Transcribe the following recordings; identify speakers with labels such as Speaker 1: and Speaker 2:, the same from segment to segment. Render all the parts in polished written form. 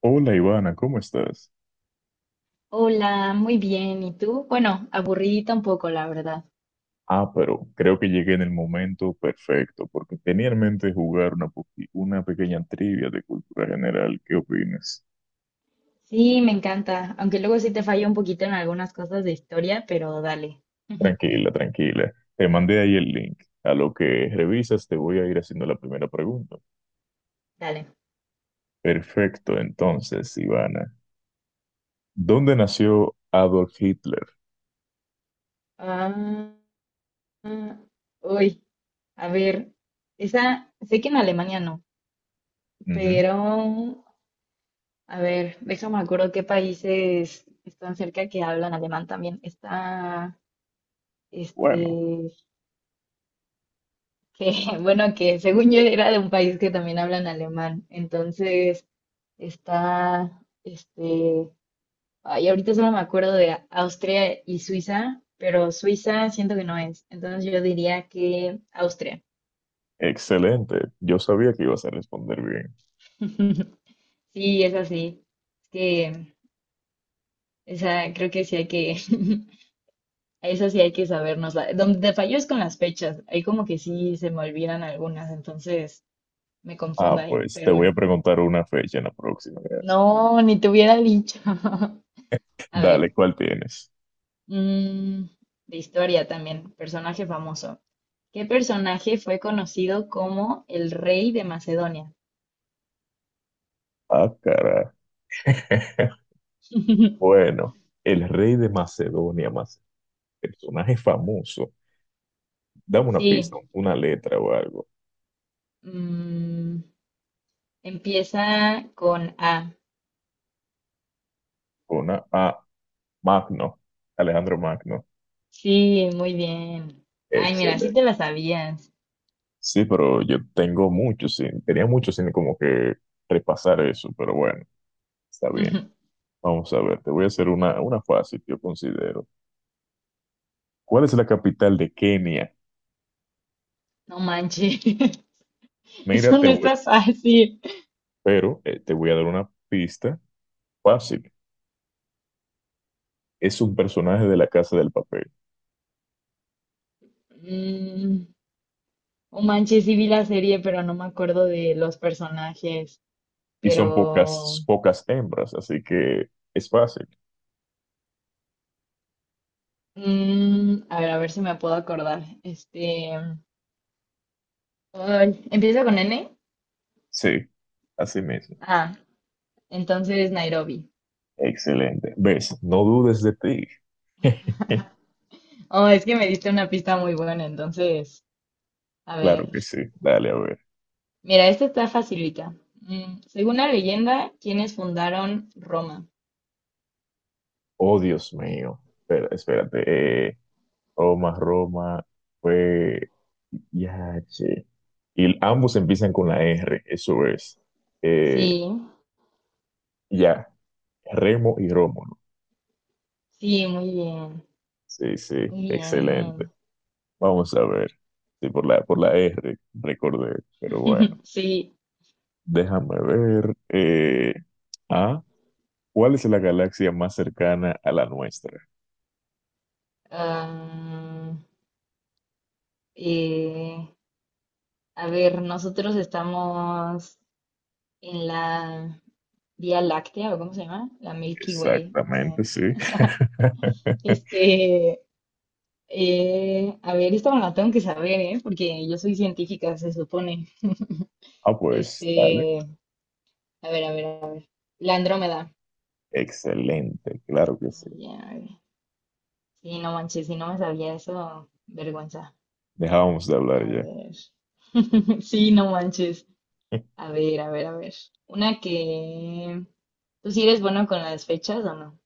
Speaker 1: Hola Ivana, ¿cómo estás?
Speaker 2: Hola, muy bien. ¿Y tú? Bueno, aburridita un poco, la verdad.
Speaker 1: Ah, pero creo que llegué en el momento perfecto, porque tenía en mente jugar una pequeña trivia de cultura general. ¿Qué opinas?
Speaker 2: Sí, me encanta. Aunque luego sí te fallo un poquito en algunas cosas de historia, pero dale.
Speaker 1: Tranquila, tranquila. Te mandé ahí el link. A lo que revisas te voy a ir haciendo la primera pregunta.
Speaker 2: Dale.
Speaker 1: Perfecto, entonces, Ivana. ¿Dónde nació Adolf Hitler?
Speaker 2: Ah, ah, uy, a ver. Esa, sé que en Alemania no,
Speaker 1: Ujú.
Speaker 2: pero a ver, déjame acuerdo qué países están cerca que hablan alemán también.
Speaker 1: Bueno,
Speaker 2: Este, que, bueno, que según yo era de un país que también hablan alemán. Entonces. Está, este, ay, ahorita solo me acuerdo de Austria y Suiza, pero Suiza siento que no es. Entonces yo diría que Austria.
Speaker 1: excelente. Yo sabía que ibas a responder bien.
Speaker 2: Sí, es así. Es que esa creo que sí hay que, a esa sí hay que sabernosla. Donde te fallo es con las fechas. Ahí como que sí se me olvidan algunas, entonces me confundo
Speaker 1: Ah,
Speaker 2: ahí.
Speaker 1: pues te
Speaker 2: Pero
Speaker 1: voy a
Speaker 2: bueno,
Speaker 1: preguntar una fecha en la próxima, gracias.
Speaker 2: no, ni te hubiera dicho. A
Speaker 1: Dale,
Speaker 2: ver,
Speaker 1: ¿cuál tienes?
Speaker 2: mm, de historia también, personaje famoso. ¿Qué personaje fue conocido como el rey de Macedonia?
Speaker 1: Ah, caray. Bueno, el rey de Macedonia, personaje famoso. Dame una pista,
Speaker 2: Sí,
Speaker 1: una letra o algo.
Speaker 2: mm, empieza con A.
Speaker 1: Una A, Magno, Alejandro Magno.
Speaker 2: Sí, muy bien. Ay, mira, sí
Speaker 1: Excelente.
Speaker 2: te la sabías.
Speaker 1: Sí, pero yo tengo mucho, sin, tenía mucho sin como que repasar eso, pero bueno, está bien. Vamos a ver, te voy a hacer una fácil yo considero. ¿Cuál es la capital de Kenia?
Speaker 2: No manches, eso
Speaker 1: Mira, te
Speaker 2: no
Speaker 1: voy,
Speaker 2: está fácil.
Speaker 1: pero te voy a dar una pista fácil. Es un personaje de la Casa del Papel.
Speaker 2: Mm, oh manches, sí vi la serie, pero no me acuerdo de los personajes.
Speaker 1: Y son
Speaker 2: Pero,
Speaker 1: pocas, pocas hembras, así que es fácil.
Speaker 2: a ver si me puedo acordar. Ay, empieza con N.
Speaker 1: Sí, así mismo.
Speaker 2: Ah, entonces Nairobi.
Speaker 1: Excelente. ¿Ves? No dudes de ti.
Speaker 2: Oh, es que me diste una pista muy buena, entonces, a
Speaker 1: Claro
Speaker 2: ver.
Speaker 1: que sí. Dale, a ver.
Speaker 2: Mira, esta está facilita. Mm, según la leyenda, ¿quiénes fundaron Roma?
Speaker 1: Oh, Dios mío. Espera, espérate. Roma, fue. Ya, che. Y ambos empiezan con la R, eso es. Eh,
Speaker 2: Sí,
Speaker 1: ya, Remo y Rómulo.
Speaker 2: sí, muy bien,
Speaker 1: Sí, sí,
Speaker 2: muy
Speaker 1: excelente.
Speaker 2: bien.
Speaker 1: Vamos a ver. Sí, por la R, recordé, pero bueno.
Speaker 2: Sí,
Speaker 1: Déjame ver. Ah, ¿Cuál es la galaxia más cercana a la nuestra?
Speaker 2: ah, eh, a ver, nosotros estamos en la Vía Láctea, ¿o cómo se llama? La Milky Way, no sé.
Speaker 1: Exactamente, sí.
Speaker 2: Este, a ver, esta me la tengo que saber, ¿eh? Porque yo soy científica, se supone.
Speaker 1: Ah, pues,
Speaker 2: Este,
Speaker 1: dale.
Speaker 2: a ver, a ver, a ver. La Andrómeda.
Speaker 1: Excelente, claro que sí.
Speaker 2: Ya, sí, no manches, si no me sabía eso, vergüenza.
Speaker 1: Dejábamos de
Speaker 2: A
Speaker 1: hablar ya.
Speaker 2: ver. Sí, no manches. A ver, a ver, a ver. Una que... ¿Tú sí eres bueno con las fechas o no?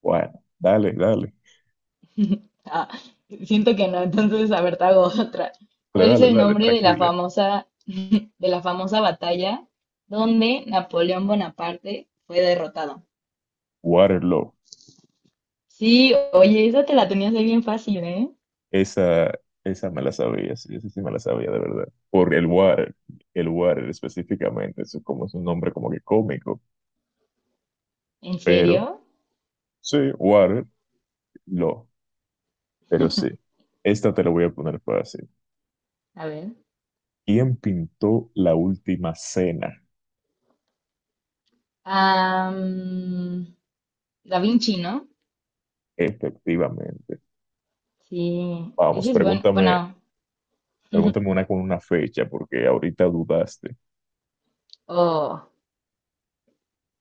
Speaker 1: Bueno, dale, dale.
Speaker 2: Ah, siento que no, entonces, a ver, te hago otra.
Speaker 1: Dale,
Speaker 2: ¿Cuál es
Speaker 1: dale,
Speaker 2: el
Speaker 1: dale,
Speaker 2: nombre de
Speaker 1: tranquila.
Speaker 2: de la famosa batalla donde Napoleón Bonaparte fue derrotado?
Speaker 1: Waterloo.
Speaker 2: Sí, oye, esa te la tenías ahí bien fácil, ¿eh?
Speaker 1: Esa, esa me la sabía, sí, esa sí me la sabía de verdad. Por el water específicamente, eso como es un nombre como que cómico,
Speaker 2: ¿En
Speaker 1: pero
Speaker 2: serio?
Speaker 1: sí, water, pero sí, esta te la voy a poner fácil.
Speaker 2: A ver.
Speaker 1: ¿Quién pintó la última cena?
Speaker 2: Ah, mm, Da Vinci, ¿no?
Speaker 1: Efectivamente.
Speaker 2: Sí,
Speaker 1: Vamos,
Speaker 2: ese es bueno,
Speaker 1: pregúntame,
Speaker 2: bueno,
Speaker 1: pregúntame una con una fecha, porque ahorita dudaste.
Speaker 2: oh,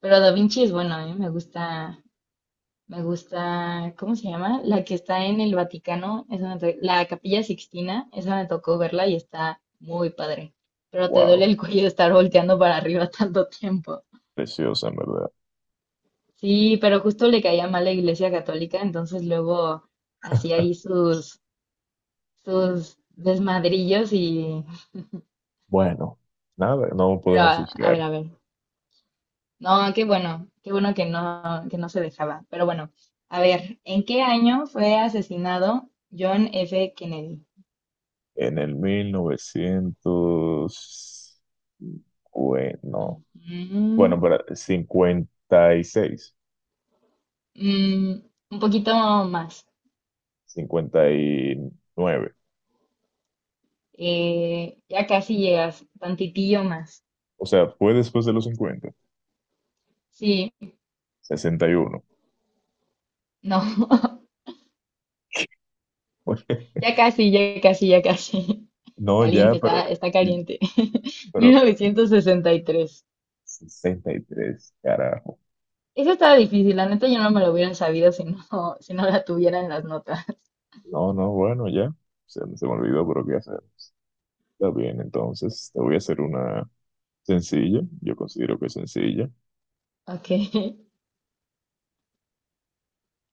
Speaker 2: pero Da Vinci es bueno, ¿eh? Me gusta, ¿cómo se llama? La que está en el Vaticano, esa la Capilla Sixtina, esa me tocó verla y está muy padre, pero te duele
Speaker 1: Wow,
Speaker 2: el cuello estar volteando para arriba tanto tiempo.
Speaker 1: preciosa, en verdad.
Speaker 2: Sí, pero justo le caía mal la Iglesia Católica, entonces luego hacía ahí sus desmadrillos y...
Speaker 1: Bueno, nada, no
Speaker 2: Pero,
Speaker 1: podemos juzgar.
Speaker 2: a ver. No, qué bueno que no se dejaba. Pero bueno, a ver, ¿en qué año fue asesinado John F. Kennedy?
Speaker 1: En el 1900 bueno,
Speaker 2: Ujú,
Speaker 1: bueno, para cincuenta y seis,
Speaker 2: mm, un poquito más.
Speaker 1: cincuenta y nueve.
Speaker 2: Eh, ya casi llegas, tantitillo más.
Speaker 1: O sea, fue después de los cincuenta,
Speaker 2: Sí,
Speaker 1: sesenta y uno.
Speaker 2: no, ya casi, ya casi, ya casi.
Speaker 1: No, ya,
Speaker 2: Caliente, está, está caliente.
Speaker 1: pero
Speaker 2: 1963.
Speaker 1: 63 carajo.
Speaker 2: Eso estaba difícil, la neta yo no me lo hubiera sabido si no, si no la tuviera en las notas.
Speaker 1: No, no, bueno, ya. Se me olvidó, pero ¿qué hacemos? Está bien, entonces te voy a hacer una sencilla. Yo considero que es sencilla.
Speaker 2: Ok.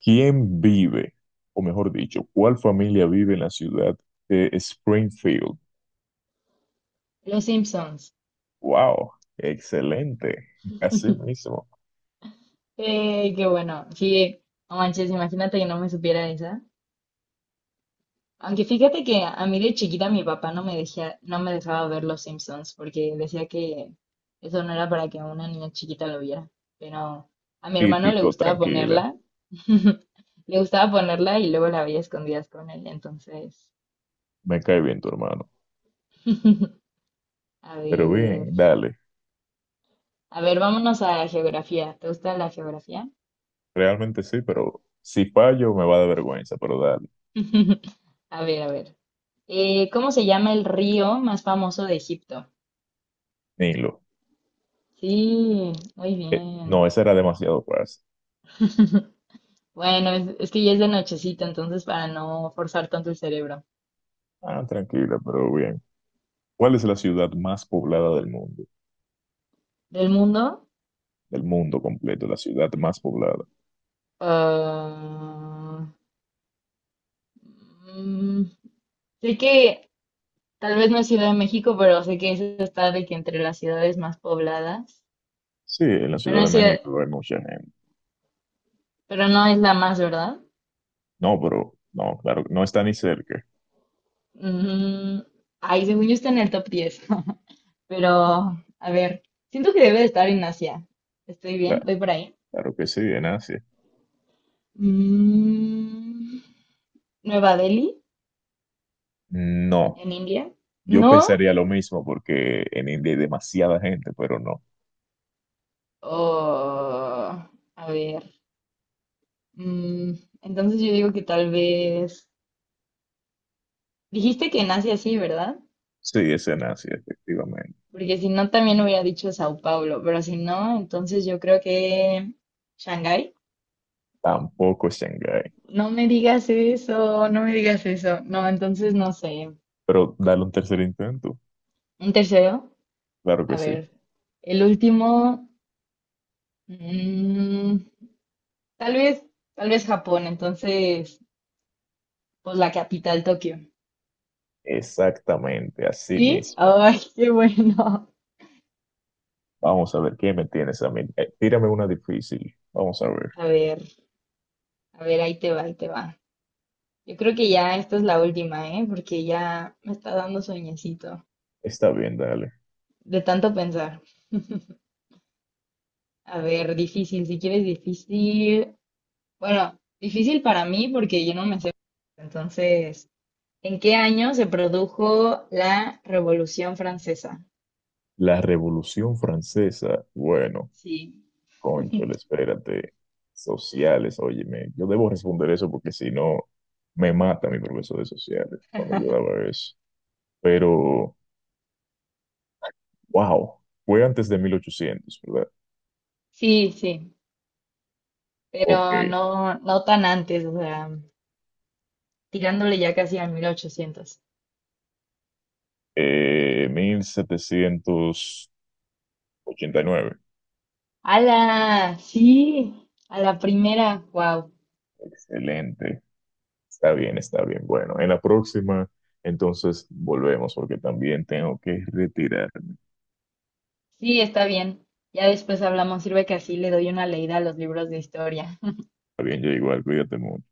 Speaker 1: ¿Quién vive, o mejor dicho, cuál familia vive en la ciudad de Springfield?
Speaker 2: Los Simpsons.
Speaker 1: ¡Wow! Excelente. Así mismo.
Speaker 2: Qué bueno. Sí, no manches, imagínate que no me supiera esa. Aunque fíjate que a mí de chiquita mi papá no me dejaba ver Los Simpsons porque decía que eso no era para que una niña chiquita lo viera. Pero a mi hermano le
Speaker 1: Típico,
Speaker 2: gustaba
Speaker 1: tranquila.
Speaker 2: ponerla, le gustaba ponerla y luego la veía a escondidas con él. Entonces,
Speaker 1: Me cae bien tu hermano.
Speaker 2: a
Speaker 1: Pero
Speaker 2: ver,
Speaker 1: bien, dale.
Speaker 2: a ver, vámonos a geografía. ¿Te gusta la geografía?
Speaker 1: Realmente sí, pero si fallo me va a dar vergüenza, pero dale.
Speaker 2: A ver, a ver. ¿Cómo se llama el río más famoso de Egipto?
Speaker 1: Nilo.
Speaker 2: Sí, muy bien.
Speaker 1: No, esa era demasiado fácil.
Speaker 2: Bueno, es que ya es de nochecita, entonces para no forzar tanto el cerebro.
Speaker 1: Ah, tranquila, pero bien. ¿Cuál es la ciudad más poblada del mundo?
Speaker 2: ¿Del mundo?
Speaker 1: Del mundo completo, la ciudad más poblada.
Speaker 2: ah, mm, Sé que tal vez no es Ciudad de México, pero sé que eso está de que entre las ciudades más pobladas.
Speaker 1: Sí, en la
Speaker 2: Pero
Speaker 1: Ciudad
Speaker 2: no
Speaker 1: de
Speaker 2: es, ciudad-
Speaker 1: México hay mucha gente.
Speaker 2: pero no es la más, ¿verdad?
Speaker 1: No, pero no, claro, no está ni cerca.
Speaker 2: Mm, ay, según yo está en el top 10. Pero, a ver, siento que debe de estar en Asia. ¿Estoy
Speaker 1: Cla-
Speaker 2: bien? ¿Voy por ahí?
Speaker 1: Claro, que sí, en Asia.
Speaker 2: Mm, ¿Nueva Delhi?
Speaker 1: No,
Speaker 2: ¿En India?
Speaker 1: yo
Speaker 2: ¿No?
Speaker 1: pensaría lo mismo porque en India hay demasiada gente, pero no.
Speaker 2: Oh, a ver. mm, entonces yo digo que tal vez... Dijiste que nace así, ¿verdad?
Speaker 1: Sí, es en Asia, efectivamente.
Speaker 2: Porque si no, también hubiera dicho Sao Paulo, pero si no, entonces yo creo que... ¿Shanghái?
Speaker 1: Tampoco es Shanghái.
Speaker 2: No me digas eso, no me digas eso. No, entonces no sé.
Speaker 1: Pero dale un tercer intento.
Speaker 2: ¿Un tercero?
Speaker 1: Claro
Speaker 2: A
Speaker 1: que sí.
Speaker 2: ver. El último... mm, tal vez, Tal vez Japón, entonces, pues la capital, Tokio.
Speaker 1: Exactamente, así
Speaker 2: ¿Sí?
Speaker 1: mismo.
Speaker 2: Ay, qué bueno.
Speaker 1: Vamos a ver, ¿qué me tienes a mí? Tírame una difícil. Vamos a ver.
Speaker 2: A ver, a ver, ahí te va, ahí te va. Yo creo que ya esta es la última, ¿eh? Porque ya me está dando sueñecito
Speaker 1: Está bien, dale.
Speaker 2: de tanto pensar. A ver, difícil, si quieres difícil. Bueno, difícil para mí porque yo no me sé. Entonces, ¿en qué año se produjo la Revolución Francesa?
Speaker 1: La Revolución Francesa. Bueno,
Speaker 2: Sí,
Speaker 1: cónchale, espérate. Sociales, óyeme. Yo debo responder eso porque si no, me mata mi profesor de sociales cuando yo daba eso. Pero, wow, fue antes de 1800, ¿verdad?
Speaker 2: sí, pero
Speaker 1: Ok.
Speaker 2: no, no tan antes, o sea, tirándole ya casi al 1800.
Speaker 1: 1789.
Speaker 2: ¡Hala! Sí, a la primera, wow.
Speaker 1: Excelente. Está bien, está bien. Bueno, en la próxima, entonces volvemos porque también tengo que retirarme.
Speaker 2: Sí, está bien. Ya después hablamos. Sirve que así le doy una leída a los libros de historia.
Speaker 1: Está bien, yo igual, cuídate mucho.